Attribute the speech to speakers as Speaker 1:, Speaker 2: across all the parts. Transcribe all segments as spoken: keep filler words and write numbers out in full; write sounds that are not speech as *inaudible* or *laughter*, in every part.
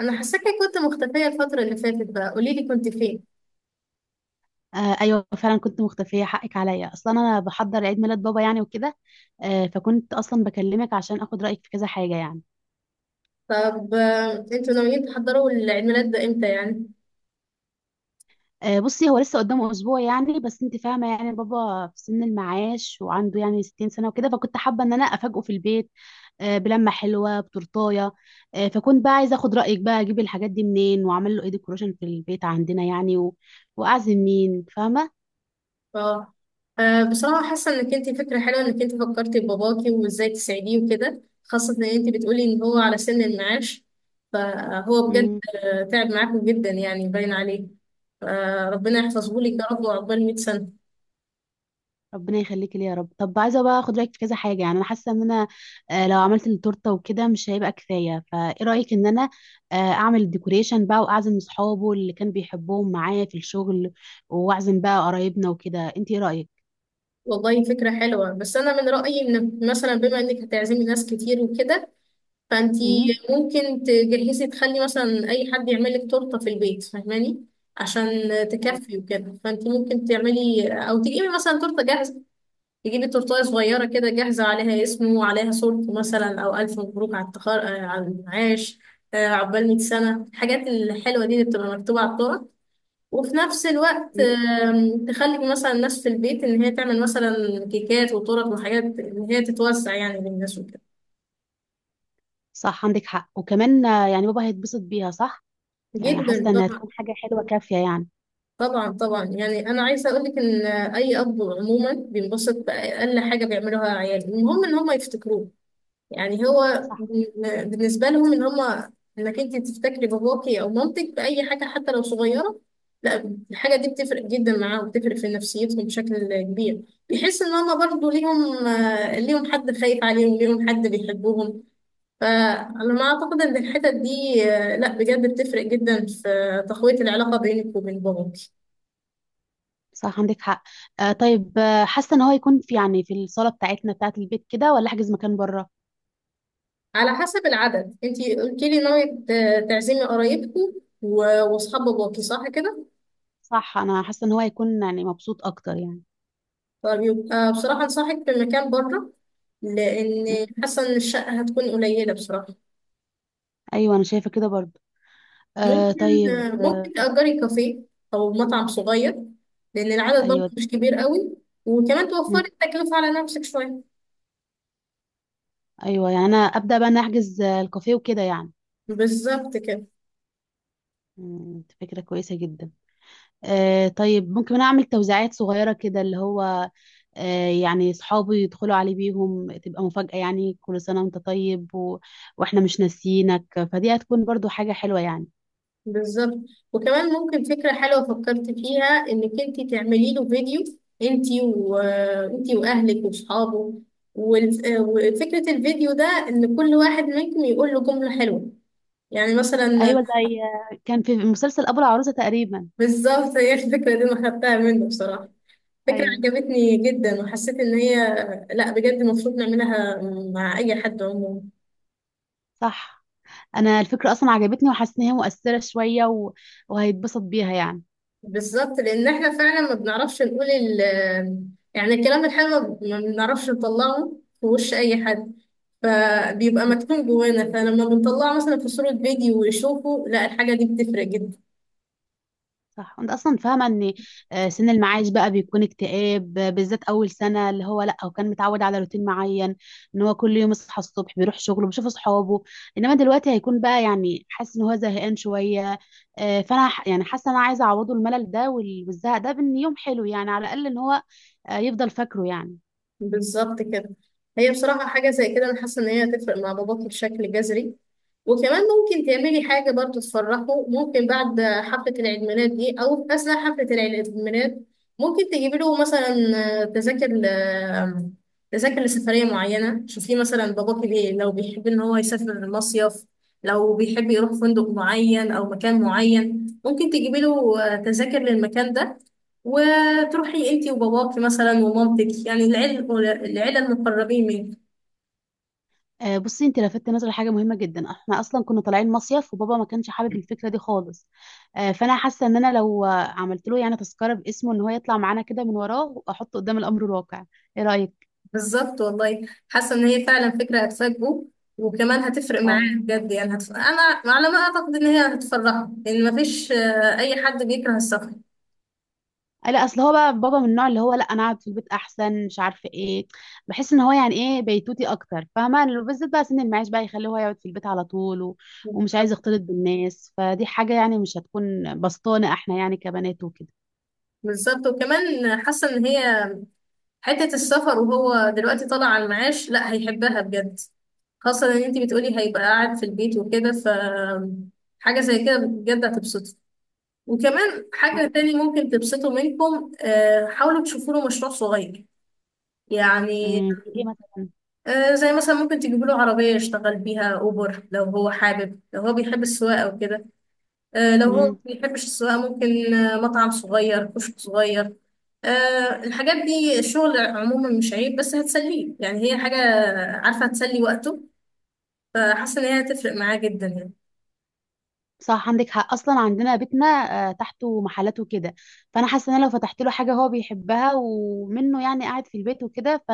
Speaker 1: انا حاساكي كنت مختفيه الفتره اللي فاتت بقى، قولي لي كنت فين.
Speaker 2: آه ايوه فعلا كنت مختفيه، حقك عليا. اصلا انا بحضر عيد ميلاد بابا يعني وكده. آه فكنت اصلا بكلمك عشان اخد رايك في كذا حاجه يعني.
Speaker 1: طب آه، انتوا ناويين تحضروا العيد ميلاد ده امتى يعني؟
Speaker 2: آه بصي، هو لسه قدامه اسبوع يعني، بس انت فاهمه. يعني بابا في سن المعاش وعنده يعني 60 سنه وكده. فكنت حابه ان انا افاجئه في البيت. آه بلمه حلوه بتورتايه. آه فكنت بقى عايزه اخد رايك، بقى اجيب الحاجات دي منين واعمل له ايه ديكوريشن في البيت عندنا يعني و... واعزم مين، فاهمه؟
Speaker 1: اه. آه، بصراحه حاسه انك انت فكره حلوه انك انت فكرتي بباباكي وازاي تساعديه وكده، خاصه ان انت بتقولي ان هو على سن المعاش. فهو بجد
Speaker 2: مم.
Speaker 1: آه، تعب معاكم جدا يعني، باين عليه. فربنا يحفظه لك يا رب وعقبال مية سنه.
Speaker 2: ربنا يخليك لي يا رب. طب، عايزه بقى اخد رايك في كذا حاجه يعني. انا حاسه ان انا آه، لو عملت التورته وكده مش هيبقى كفايه. فايه رايك ان انا آه، اعمل الديكوريشن بقى واعزم اصحابه اللي كان بيحبهم معايا في الشغل واعزم بقى قرايبنا وكده؟ انت ايه رايك؟
Speaker 1: والله فكره حلوه، بس انا من رايي ان مثلا بما انك هتعزمي ناس كتير وكده، فانتي
Speaker 2: امم
Speaker 1: ممكن تجهزي تخلي مثلا اي حد يعمل لك تورته في البيت، فاهماني؟ عشان تكفي وكده، فانتي ممكن تعملي او تجيبي مثلا تورته جاهزه، تجيبي تورته صغيره كده جاهزه عليها اسمه وعليها صورته مثلا، او الف مبروك على التخر... آه، على المعاش. آه، عقبال مية سنه الحاجات الحلوه دي اللي بتبقى مكتوبه على التورته. وفي نفس الوقت
Speaker 2: أيوة.
Speaker 1: آم، تخلي مثلا الناس في البيت ان هي تعمل مثلا كيكات وتورت وحاجات ان هي تتوزع يعني للناس وكده.
Speaker 2: صح عندك حق. وكمان آه، يعني بابا هيتبسط بيها، صح. يعني
Speaker 1: جدا.
Speaker 2: حاسه انها تكون حاجه حلوه كافيه يعني.
Speaker 1: طبعا طبعا، يعني انا عايزه اقول لك ان اي اب عموما بينبسط باقل حاجه بيعملوها عياله، المهم ان هم يفتكروه. يعني هو
Speaker 2: صح.
Speaker 1: بن- بالنسبه لهم ان هم انك انت تفتكري باباكي او مامتك باي حاجه حتى لو صغيره، لا الحاجه دي بتفرق جدا معاهم، بتفرق في نفسيتهم بشكل كبير. بيحس ان هم برضو ليهم آه، ليهم حد خايف عليهم، ليهم حد بيحبهم. فانا ما اعتقد ان الحتت دي آه، لا بجد بتفرق جدا في تقويه العلاقه بينك وبين باباك.
Speaker 2: صح عندك حق. آه طيب، آه، حاسه ان هو يكون في، يعني في الصاله بتاعتنا بتاعت البيت كده، ولا احجز مكان بره؟
Speaker 1: على حسب العدد، انتي قلتي لي ناوية ت- تعزمي قرايبكم و- واصحاب باباكي، صح كده؟
Speaker 2: صح، انا حاسه ان هو هيكون يعني مبسوط اكتر يعني.
Speaker 1: طب يبقى بصراحة انصحك بمكان بره،
Speaker 2: م.
Speaker 1: لان حاسة ان الشقة هتكون قليلة بصراحة.
Speaker 2: ايوه، انا شايفه كده برضو. آه
Speaker 1: ممكن،
Speaker 2: طيب. آه
Speaker 1: ممكن تأجري كافيه او مطعم صغير، لان العدد برضه
Speaker 2: ايوه.
Speaker 1: مش كبير قوي، وكمان
Speaker 2: م.
Speaker 1: توفري التكلفة على نفسك شوية.
Speaker 2: ايوه، يعني انا ابدا بقى نحجز الكافيه وكده يعني.
Speaker 1: بالظبط كده.
Speaker 2: م، دي فكره كويسه جدا. آه طيب، ممكن انا اعمل توزيعات صغيره كده، اللي هو آه يعني اصحابي يدخلوا عليه بيهم تبقى مفاجاه يعني، كل سنه وانت طيب و... واحنا مش ناسيينك. فدي هتكون برضو حاجه حلوه يعني.
Speaker 1: بالظبط. وكمان ممكن فكرة حلوة فكرت فيها، انك انت تعملي له فيديو، انت وانت واهلك واصحابه، وال- وفكرة الفيديو ده ان كل واحد منكم يقول له جملة حلوة، يعني مثلا.
Speaker 2: ايوه، زي آه، كان في مسلسل ابو العروسه تقريبا.
Speaker 1: *laughs* بالظبط، هي الفكرة دي انا خدتها منه بصراحة، فكرة
Speaker 2: ايوه
Speaker 1: عجبتني جدا وحسيت ان هي لا بجد المفروض نعملها مع اي حد عموما.
Speaker 2: صح. انا الفكره اصلا عجبتني وحاسه ان هي مؤثره شويه و... وهيتبسط بيها يعني.
Speaker 1: بالظبط، لان احنا فعلا ما بنعرفش نقول ال، يعني الكلام الحلو ما بنعرفش نطلعه في وش اي حد، فبيبقى
Speaker 2: مم.
Speaker 1: مكتوم جوانا، فلما بنطلعه مثلا في صورة فيديو ويشوفه، لا الحاجة دي بتفرق جدا.
Speaker 2: صح. وانت اصلا فاهمه ان آه، سن المعاش بقى بيكون اكتئاب، آه، بالذات اول سنه، اللي هو، لا هو كان متعود على روتين معين. ان هو كل يوم يصحى الصبح بيروح شغله بيشوف اصحابه. انما دلوقتي هيكون بقى يعني حاسس ان هو زهقان شويه. آه، فانا ح- يعني حاسه ان انا عايزه اعوضه الملل ده وال- والزهق ده بان يوم حلو، يعني على الاقل ان هو آه، يفضل فاكره يعني.
Speaker 1: بالظبط كده. هي بصراحة حاجة زي كده أنا حاسة إن هي هتفرق مع باباكي بشكل جذري. وكمان ممكن تعملي حاجة برضو تفرحه، ممكن بعد حفلة العيد ميلاد دي أو في أثناء حفلة العيد ميلاد، ممكن تجيبي له مثلا تذاكر ل- تذاكر لسفرية معينة. شوفيه مثلا باباكي بيه، لو بيحب إن هو يسافر مصيف، لو بيحب يروح فندق معين أو مكان معين، ممكن تجيبي له تذاكر للمكان ده، وتروحي انتي وباباكي مثلا ومامتك يعني العيلة، العيلة المقربين منك.
Speaker 2: آه، بصي، انت لفتت نظري حاجه مهمه جدا. احنا اصلا كنا طالعين مصيف وبابا ما كانش حابب الفكره دي خالص. آه، فانا حاسه ان انا لو آه، عملت له يعني تذكره باسمه ان هو يطلع معانا كده من وراه، واحطه قدام الامر الواقع. ايه رايك؟
Speaker 1: بالظبط والله، حاسه ان هي فعلا فكره هتفاجئه، وكمان هتفرق
Speaker 2: اه.
Speaker 1: معاه بجد يعني هتف... انا على ما اعتقد ان هي هتفرحه، لان مفيش آه، اي حد بيكره السفر.
Speaker 2: آه، لا، اصل هو بقى بابا من النوع اللي هو، لا انا اقعد في البيت احسن، مش عارفه ايه. بحس ان هو، يعني ايه، بيتوتي اكتر، فاهمه؟ لو- بالذات بقى سن المعاش بقى يخليه هو يقعد في البيت على طول و... ومش عايز
Speaker 1: بالظبط.
Speaker 2: يختلط بالناس. فدي حاجه يعني مش هتكون بسطانه احنا يعني كبنات وكده.
Speaker 1: بالظبط. وكمان حاسه ان هي حته السفر وهو دلوقتي طالع على المعاش لا هيحبها بجد، خاصه ان انت بتقولي هيبقى قاعد في البيت وكده، ف حاجه زي كده بجد هتبسطه. وكمان حاجه
Speaker 2: عندك حق.
Speaker 1: تاني ممكن تبسطه منكم، آه، حاولوا تشوفوا له مشروع صغير، يعني
Speaker 2: امم ايه مثلا؟
Speaker 1: آه، زي مثلا ممكن تجيب له عربية يشتغل بيها أوبر لو هو حابب، لو هو بيحب السواقة وكده. آه، لو هو ما
Speaker 2: مم.
Speaker 1: بيحبش السواقة، ممكن آه، مطعم صغير، كشك صغير. آه، الحاجات دي الشغل عموما مش عيب، بس هتسليه يعني، هي حاجة عارفة هتسلي وقته، فحاسة إن هي هتفرق معاه جدا يعني.
Speaker 2: صح عندك حق. اصلا عندنا بيتنا آه، تحته محلات وكده. فانا حاسه ان انا لو فتحت له حاجه هو بيحبها، ومنه يعني قاعد في البيت وكده ف...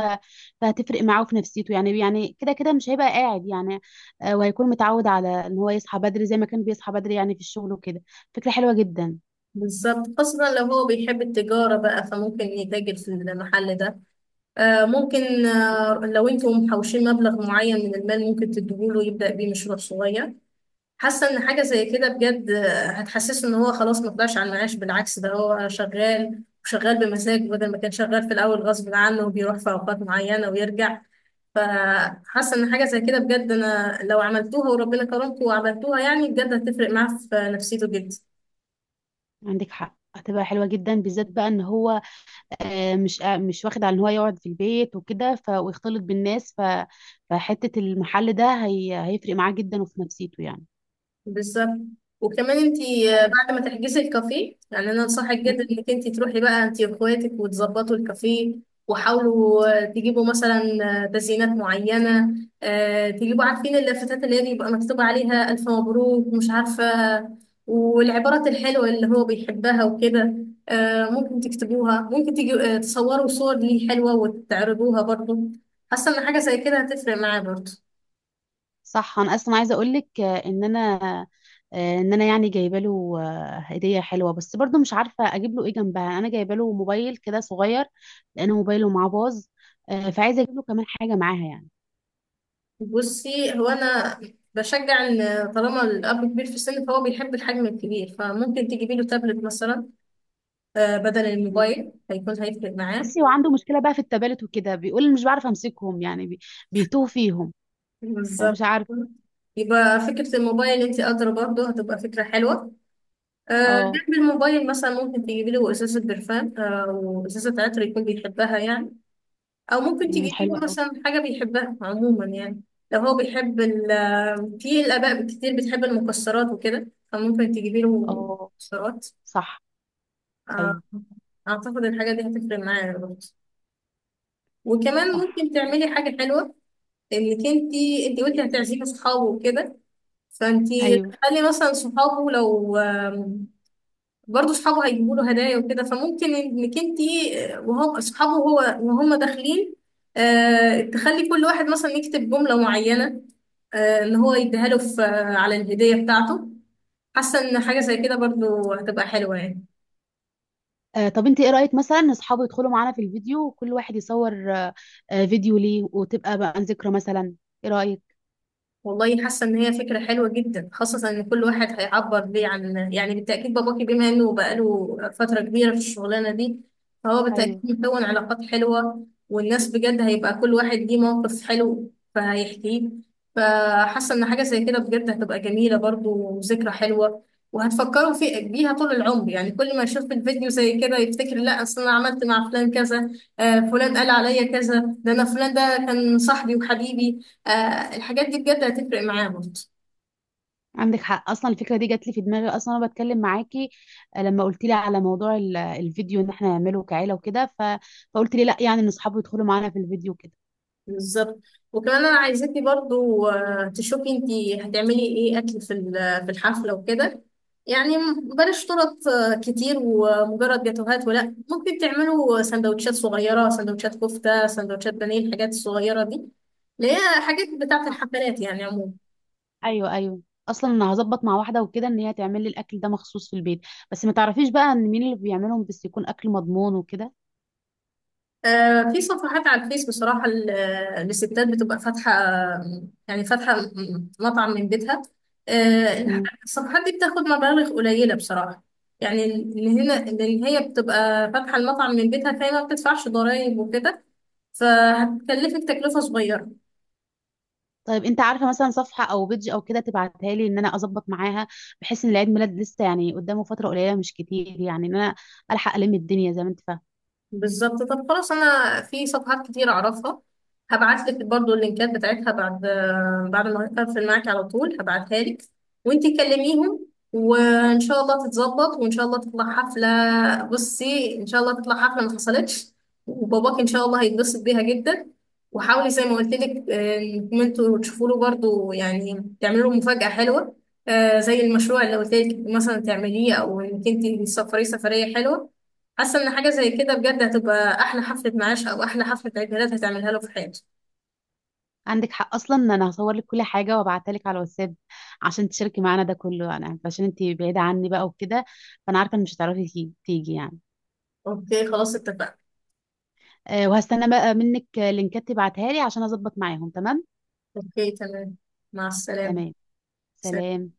Speaker 2: فهتفرق معاه في نفسيته يعني. يعني كده كده مش هيبقى قاعد يعني. آه، وهيكون متعود على ان هو يصحى بدري زي ما كان بيصحى بدري يعني في الشغل وكده. فكره حلوه جدا.
Speaker 1: بالظبط، خاصة لو هو بيحب التجارة بقى، فممكن يتاجر في المحل ده. آه، ممكن آه، لو انتم محوشين مبلغ معين من المال، ممكن تديهوله يبدأ بيه مشروع صغير. حاسه ان حاجه زي كده بجد هتحسسه ان هو خلاص ما طلعش على المعاش، بالعكس، ده هو شغال وشغال بمزاج، بدل ما كان شغال في الاول غصب عنه وبيروح في اوقات معينه ويرجع. فحاسه ان حاجه زي كده بجد، انا لو عملتوها وربنا كرمكم وعملتوها يعني، بجد هتفرق معاه في نفسيته جدا.
Speaker 2: عندك حق، هتبقى حلوه جدا، بالذات بقى ان هو آه، مش آه، مش واخد على ان هو يقعد في البيت وكده، ف... ويختلط بالناس، ف... فحته المحل ده هي... هيفرق معاه جدا وفي نفسيته يعني.
Speaker 1: بالظبط. وكمان انتي آه،
Speaker 2: طيب.
Speaker 1: بعد ما تحجزي الكافيه، يعني انا انصحك جدا انك انتي تروحي بقى انتي واخواتك وتظبطوا الكافيه، وحاولوا آه، تجيبوا مثلا آه، تزيينات معينة. آه، تجيبوا، عارفين اللافتات اللي هي بيبقى مكتوب عليها ألف مبروك مش عارفة، والعبارات الحلوة اللي هو بيحبها وكده، آه، ممكن تكتبوها. ممكن تجي آه، تصوروا صور ليه حلوة وتعرضوها برضه. حاسة ان حاجة زي كده هتفرق معاه برضه.
Speaker 2: صح، انا اصلا عايزه اقول لك ان انا آه، ان انا يعني جايبه له آه، هديه حلوه، بس برضو مش عارفه اجيب له ايه جنبها. انا جايبه له موبايل كده صغير لان موبايله معاه باظ. آه، فعايزه اجيب له كمان حاجه معاها يعني.
Speaker 1: بصي هو انا بشجع ان طالما الاب كبير في السن فهو بيحب الحجم الكبير، فممكن تجيبي له تابلت مثلا آه، بدل
Speaker 2: مم.
Speaker 1: الموبايل، هيكون هيفرق معاه.
Speaker 2: بصي، هو عنده مشكله بقى في التبالت وكده، بيقول مش بعرف امسكهم، يعني بي- بيتوه فيهم. فمش
Speaker 1: بالظبط.
Speaker 2: عارف.
Speaker 1: يبقى فكرة الموبايل انت ادرى، برضه هتبقى فكرة حلوة. آه،
Speaker 2: اه.
Speaker 1: جنب الموبايل مثلا ممكن تجيبي له ازازة برفان او ازازة عطر يكون بيحبها يعني، او ممكن
Speaker 2: مم،
Speaker 1: تجيبي
Speaker 2: حلوه
Speaker 1: له
Speaker 2: قوي.
Speaker 1: مثلا حاجة بيحبها عموما يعني. لو هو بيحب ال آه، في الاباء كتير بتحب المكسرات وكده، فممكن تجيبي له
Speaker 2: اه.
Speaker 1: مكسرات.
Speaker 2: صح.
Speaker 1: آه،
Speaker 2: ايوه.
Speaker 1: اعتقد الحاجه دي هتفرق معايا برضه. وكمان
Speaker 2: صح.
Speaker 1: ممكن تعملي
Speaker 2: *laughs*
Speaker 1: حاجه حلوه، انك انت، انت
Speaker 2: ايه
Speaker 1: قلتي
Speaker 2: مثلا؟
Speaker 1: هتعزمي صحابه وكده، فانت
Speaker 2: ايوه.
Speaker 1: تخلي مثلا صحابه، لو آم، برضه صحابه هيجيبوا له هدايا وكده، فممكن انك انت آه، وهم صحابه هو وهم داخلين آه، تخلي كل واحد مثلا يكتب جمله معينه آه، ان هو يديها له في- آه، على الهديه بتاعته. حاسه ان حاجه زي كده برضه هتبقى حلوه يعني.
Speaker 2: آه، طب انت ايه رأيك مثلا ان اصحابه يدخلوا معانا في الفيديو وكل واحد يصور آه، آه، فيديو ليه، وتبقى بقى ذكرى مثلا؟ ايه رأيك؟
Speaker 1: والله حاسه ان هي فكره حلوه جدا، خاصه ان كل واحد هيعبر ليه عن يعني، بالتاكيد باباكي بما انه بقاله فتره كبيره في الشغلانه دي، فهو بالتاكيد
Speaker 2: ايوه،
Speaker 1: مكون علاقات حلوه، والناس بجد هيبقى كل واحد ليه موقف حلو فهيحكيه. فحاسه ان حاجه زي كده بجد هتبقى جميله برضو وذكرى حلوه، وهتفكروا في بيها طول العمر يعني، كل ما يشوف الفيديو زي كده يفتكر لا اصل انا عملت مع فلان كذا، آه، فلان قال عليا كذا، ده انا فلان ده كان صاحبي وحبيبي. آه الحاجات دي بجد هتفرق معاه برضه.
Speaker 2: عندك حق. اصلا الفكرة دي جات لي في دماغي اصلا وانا بتكلم معاكي. آه، لما قلت لي على موضوع ال- الفيديو ان احنا نعمله كعيلة وكده، ف... فقلت لي لا، يعني ان اصحابه يدخلوا معانا في الفيديو كده.
Speaker 1: بالظبط. وكمان انا عايزاكي برضو آه، تشوفي انتي هتعملي ايه اكل في ال- في الحفله وكده، يعني م- بلاش طرط آه، كتير ومجرد جاتوهات، ولا ممكن تعملوا سندوتشات صغيره، سندوتشات كفته، سندوتشات بانيه، الحاجات الصغيره دي اللي هي حاجات بتاعه
Speaker 2: صح.
Speaker 1: الحفلات يعني عموما.
Speaker 2: ايوه ايوه. اصلا انا هظبط مع واحده وكده ان هي تعمل لي الاكل ده مخصوص في البيت. بس ما تعرفيش بقى ان مين اللي بيعملهم؟ بس يكون اكل مضمون وكده.
Speaker 1: آه، في صفحات على الفيس بصراحة ال- آه، للستات بتبقى فاتحة يعني فاتحة م- مطعم من بيتها. آه، الصفحات دي بتاخد مبالغ قليلة بصراحة، يعني اللي هنا اللي هي بتبقى فاتحة المطعم من بيتها فهي ما بتدفعش ضرائب وكده، فهتكلفك تكلفة صغيرة.
Speaker 2: طيب، انت عارفه مثلا صفحه او بيدج او كده تبعتها لي ان انا اظبط معاها؟ بحيث ان العيد ميلاد لسه يعني قدامه فتره قليله، مش كتير يعني. ان انا الحق الم الدنيا زي ما انت فاهم.
Speaker 1: بالظبط. طب خلاص، انا في صفحات كتير اعرفها، هبعت لك برضو اللينكات بتاعتها بعد، بعد ما اقفل معاك على طول هبعتها لك، وانتي كلميهم، وان شاء الله تتظبط وان شاء الله تطلع حفله. بصي ان شاء الله تطلع حفله ما حصلتش، وباباك ان شاء الله هيتبسط بيها جدا. وحاولي زي ما قلت لك آه، انكم انتوا تشوفوا له برضو، يعني تعملوا له مفاجاه حلوه، آه، زي المشروع اللي قلت لك مثلا تعمليه، او انك انت تسافري سفريه حلوه. حاسه ان حاجه زي كده بجد هتبقى احلى حفله معاش او احلى حفله عيد ميلاد هتعملها له في حياته.
Speaker 2: عندك حق. اصلا ان انا هصور لك كل حاجه وابعتها لك على الواتساب عشان تشاركي معانا ده كله، انا عشان انت بعيده عني بقى وكده. فانا عارفه ان مش هتعرفي تي- تيجي يعني.
Speaker 1: اوكي خلاص، اتفقنا.
Speaker 2: أه وهستنى بقى منك لينكات تبعتها لي عشان اظبط معاهم. تمام.
Speaker 1: اوكي تمام، مع السلامه.
Speaker 2: تمام.
Speaker 1: سلام.
Speaker 2: سلام